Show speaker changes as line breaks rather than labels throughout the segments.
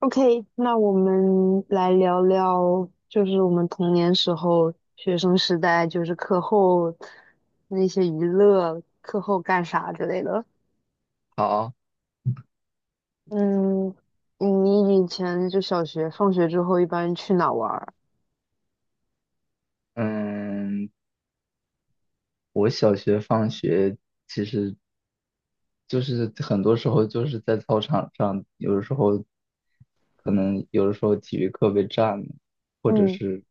OK，那我们来聊聊，就是我们童年时候、学生时代，就是课后那些娱乐，课后干啥之类的。
好。
嗯，你以前就小学放学之后一般去哪玩儿？
嗯，我小学放学其实就是很多时候就是在操场上，有的时候可能有的时候体育课被占了，或者
嗯
是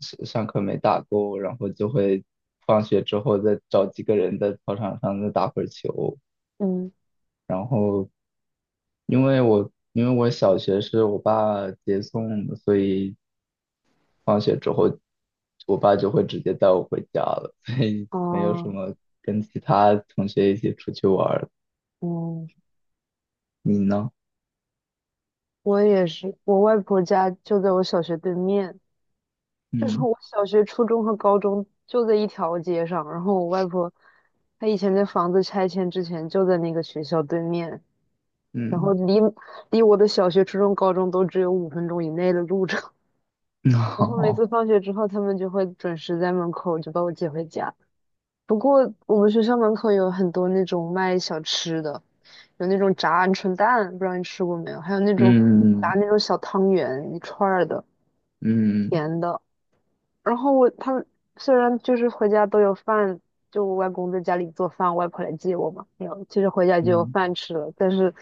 上课没打够，然后就会放学之后再找几个人在操场上再打会儿球。
嗯
然后因为我小学是我爸接送的，所以放学之后我爸就会直接带我回家了，所以没有什
哦，
么跟其他同学一起出去玩儿。
嗯，
你呢？
我也是，我外婆家就在我小学对面，就是
嗯
我小学、初中和高中就在一条街上。然后我外婆，她以前在房子拆迁之前就在那个学校对面。然后
嗯。
离我的小学、初中、高中都只有5分钟以内的路程。然后每
好。
次放学之后，他们就会准时在门口就把我接回家。不过我们学校门口有很多那种卖小吃的，有那种炸鹌鹑蛋，不知道你吃过没有？还有那种炸
嗯
那种小汤圆，一串儿的，
嗯
甜的。然后我他们虽然就是回家都有饭，就我外公在家里做饭，我外婆来接我嘛，没有，其实回家就有
嗯。
饭吃了。但是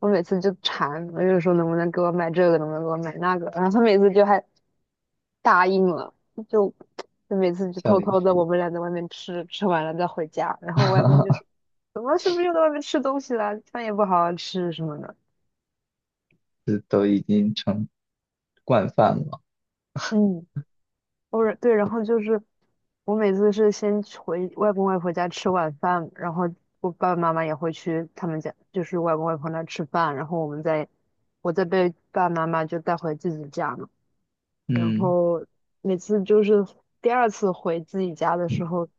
我每次就馋，我就说能不能给我买这个，能不能给我买那个，然后他每次就还答应了，就就每次就偷偷的我们
夏
俩在外面吃，吃完了再回家，然后我外公
哈
就
哈。
说，怎么是不是又在外面吃东西了，饭也不好好吃什么的，
这都已经成惯犯了。
嗯。偶尔对，然后就是我每次是先去回外公外婆家吃晚饭，然后我爸爸妈妈也会去他们家，就是外公外婆那吃饭，然后我们再被爸爸妈妈就带回自己家嘛。然
嗯
后每次就是第二次回自己家的时候，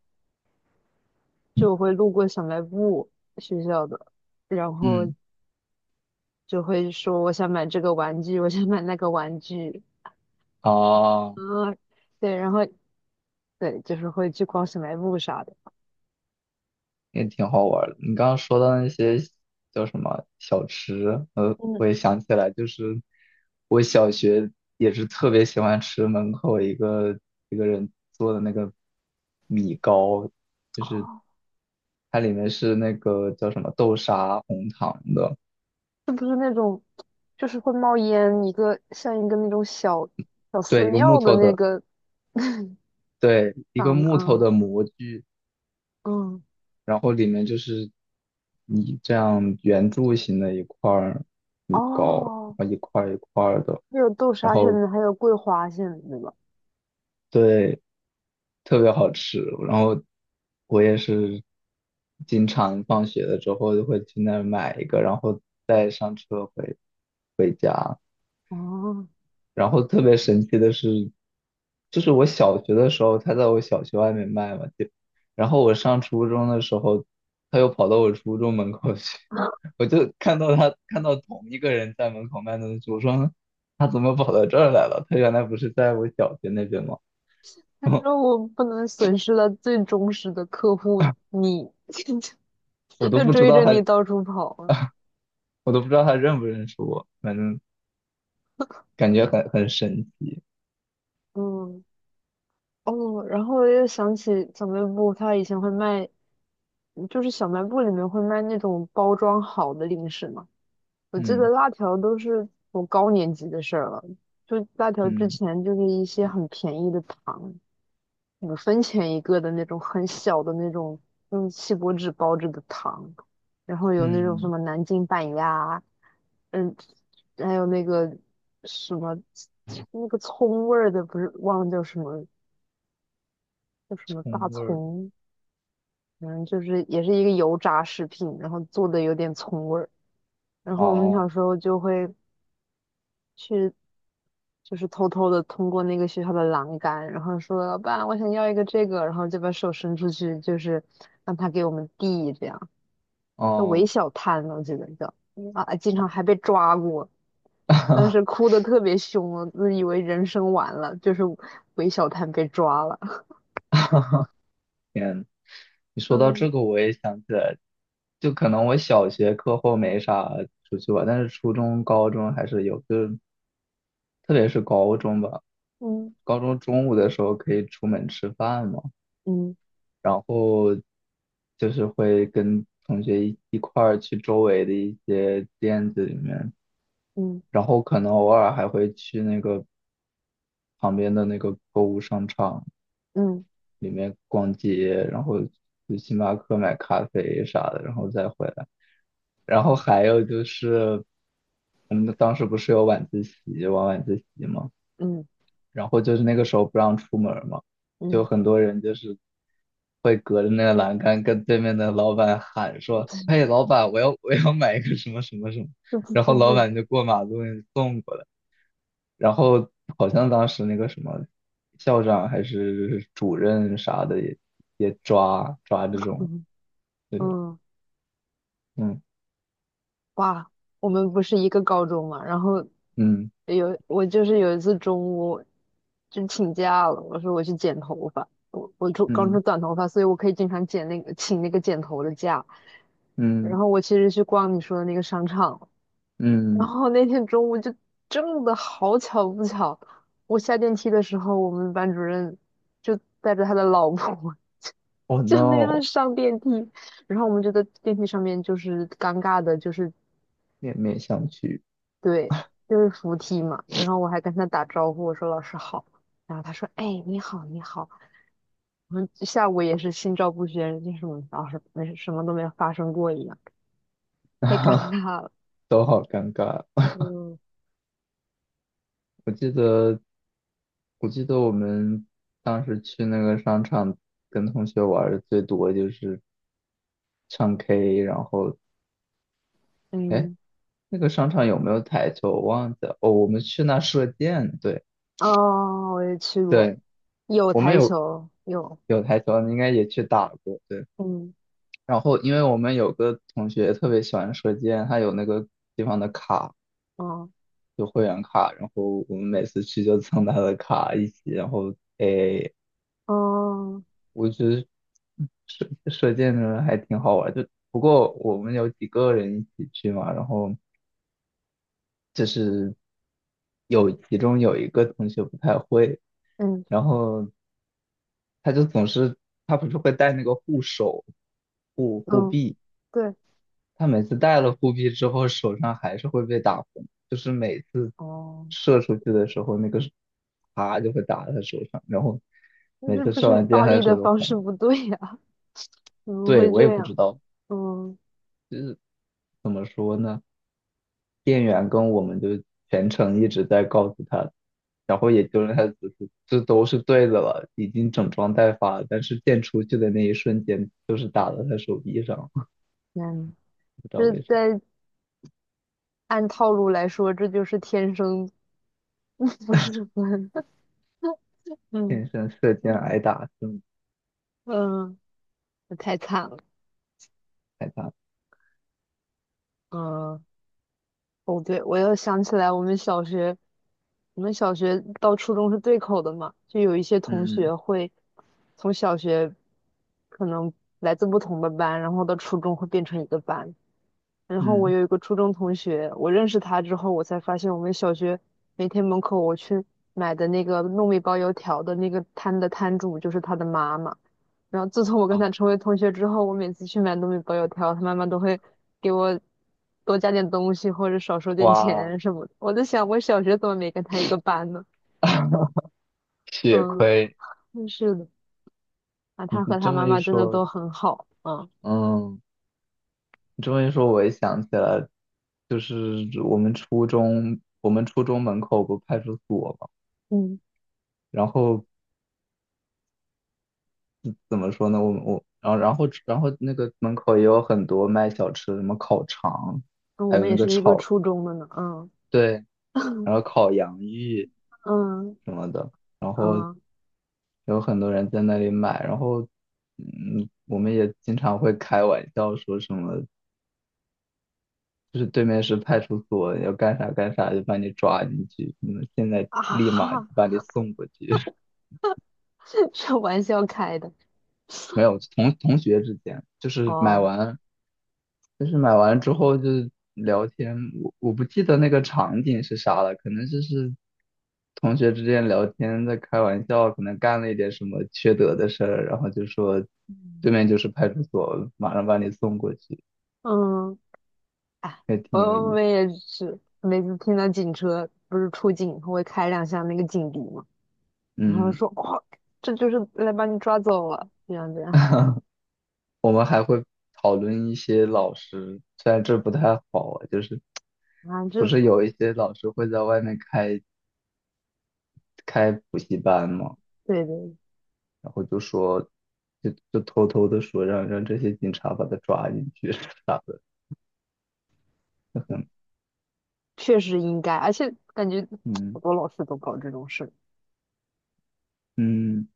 就会路过小卖部学校的，然后
嗯。
就会说我想买这个玩具，我想买那个玩具，
哦。
啊，对，然后对，就是会去逛小卖部啥的，
也挺好玩儿的。你刚刚说到那些叫什么小吃，
嗯。
我也想起来，就是我小学也是特别喜欢吃门口一个一个人做的那个米糕，就是
哦
它里面是那个叫什么豆沙红糖的。
是不是那种就是会冒烟一个像一个那种小寺
对，一个木
庙的
头
那
的，
个
对，一个
长的啊？
木头的模具，
嗯，
然后里面就是你这样圆柱形的一块儿米糕，
哦，
然后一块儿一块儿的，
还有豆
然
沙馅
后
的，还有桂花馅的，对吧？
对，特别好吃。然后我也是经常放学了之后就会去那儿买一个，然后再上车回。
哦，
然后特别神奇的是，就是我小学的时候，他在我小学外面卖嘛，就然后我上初中的时候，他又跑到我初中门口去。我就看到同一个人在门口卖东西，我说他怎么跑到这儿来了？他原来不是在我小学那边吗？
但是我不能损失了最忠实的客户，你
我都
就
不知
追
道
着
他，
你到处跑啊
我都不知道他认不认识我，反正感觉很神奇。
嗯，哦，然后我又想起小卖部，它以前会卖，就是小卖部里面会卖那种包装好的零食嘛。我记得
嗯
辣条都是我高年级的事儿了，就辣条之
嗯
前就是一些很便宜的糖，5分钱一个的那种很小的那种用锡箔纸包着的糖，然后有那种什
嗯。
么南京板鸭，嗯，还有那个什么那个葱味儿的，不是忘了叫什么叫什么
葱
大
味儿的。
葱，反正就是也是一个油炸食品，然后做的有点葱味儿。然后我们小
哦
时候就会去就是偷偷的通过那个学校的栏杆，然后说老板，我想要一个这个，然后就把手伸出去，就是让他给我们递，这样叫韦
哦。
小摊，我记得叫啊，经常还被抓过，当时 哭的特别凶，我自以为人生完了，就是韦小摊被抓了，
你说到这
嗯
个，我也想起来，就可能我小学课后没啥出去玩，但是初中、高中还是有，就是特别是高中吧，
嗯
高中中午的时候可以出门吃饭嘛，
嗯
然后就是会跟同学一块儿去周围的一些店子里面，
嗯
然后可能偶尔还会去那个旁边的那个购物商场。
嗯
里面逛街，然后去星巴克买咖啡啥的，然后再回来。然后还有就是，我们当时不是有晚自习，晚自习嘛，
嗯
然后就是那个时候不让出门儿嘛，就
嗯，
很多人就是会隔着那个栏杆跟对面的老板喊说：“嘿，老板，我要买一个什么什么什么。”
嗯
然后老
嗯
板就过马路给你送过来。然后 好像当时那个什么校长还是主任啥的也也抓这种
嗯
这种。
嗯，
嗯
哇，我们不是一个高中嘛，然后
嗯
有我就是有一次中午就请假了，我说我去剪头发，我出刚出
嗯
短头发，所以我可以经常剪那个请那个剪头的假。然
嗯
后我其实去逛你说的那个商场，然
嗯
后那天中午就真的好巧不巧，我下电梯的时候，我们班主任就带着他的老婆
，Oh
就那样
no。
上电梯，然后我们就在电梯上面就是尴尬的，就是
面面相觑。
对，就是扶梯嘛。然后我还跟他打招呼，我说老师好。然后他说，哎，你好，你好。我们下午也是心照不宣，就是我们老师没什么都没有发生过一样，太尴尬了。
都好尴尬。
嗯
我记得我记得我们当时去那个商场跟同学玩的最多就是唱 K。然后哎，
嗯，
那个商场有没有台球我忘记了，哦，我们去那射箭，对。
哦，我也去过，
对，
有
我们
台
有
球，有，
台球，你应该也去打过，对。
嗯
然后因为我们有个同学特别喜欢射箭，他有那个地方的卡，
哦
有会员卡，然后我们每次去就蹭他的卡一起。然后诶，
哦
我觉得射箭的还挺好玩，就不过我们有几个人一起去嘛，然后。就是其中有一个同学不太会，
嗯
然后他就总是他不是会带那个护手护护
嗯，
臂，
对，
他每次带了护臂之后手上还是会被打红，就是每次
哦，
射出去的时候那个啪就会打在他手上，然后
那
每
这
次
不是
射完箭
发
他
力
的
的
手就
方式
红。
不对呀、怎么
对。
会
我也
这
不知
样？
道
嗯，
怎么说呢，店员跟我们就全程一直在告诉他。然后也就让他只是这都是对的了，已经整装待发了，但是箭出去的那一瞬间，就是打到他手臂上，
天
不知道
这
为什么，
在按套路来说，这就是天生 不是蚊子 嗯
天生射箭挨
嗯
打，这么
嗯，太惨了，
挨打。
嗯，哦对，我又想起来我们小学，我们小学到初中是对口的嘛，就有一些同
嗯
学会从小学可能来自不同的班，然后到初中会变成一个班，然后我
嗯。
有一个初中同学，我认识他之后，我才发现我们小学每天门口我去买的那个糯米包油条的那个摊的摊主就是他的妈妈。然后自从我跟他
啊
成为同学之后，我每次去买糯米包油条，他妈妈都会给我多加点东西或者少收点
哇，
钱什么的。我在想，我小学怎么没跟他一个班呢？
血
嗯，
亏！
嗯是的，啊，他
你
和他
这
妈
么一
妈真的
说，
都很好。嗯
嗯，你这么一说，我也想起来，就是我们初中，我们初中门口不派出所嘛。
嗯，
然后怎么说呢？我然后那个门口也有很多卖小吃的，什么烤肠，
我
还有
们也
那个
是一个
炒，
初中的呢。嗯
对，然后烤洋芋
嗯
什么的，然后
嗯。
有很多人在那里买。然后嗯，我们也经常会开玩笑说什么，就是对面是派出所，要干啥干啥就把你抓进去，嗯，现在
啊
立马
哈，
把你送过去。
这玩笑开的
没有，同学之间就是买
哦，
完之后就是聊天。我不记得那个场景是啥了，可能就是同学之间聊天在开玩笑，可能干了一点什么缺德的事儿，然后就说对面就是派出所，马上把你送过去，
嗯，哎，
也挺有
我我
意思。
们也是，每次听到警车不是出警，他会开两下那个警笛嘛，然后
嗯。
说哇，这就是来把你抓走了，这样这样
我们还会讨论一些老师，虽然这不太好啊，就是
啊，
不
这
是有一些老师会在外面开补习班吗？
对对，
然后就说，就偷偷的说让这些警察把他抓进去 啥的。
确实应该，而且感觉 好
嗯
多老师都搞这种事
嗯。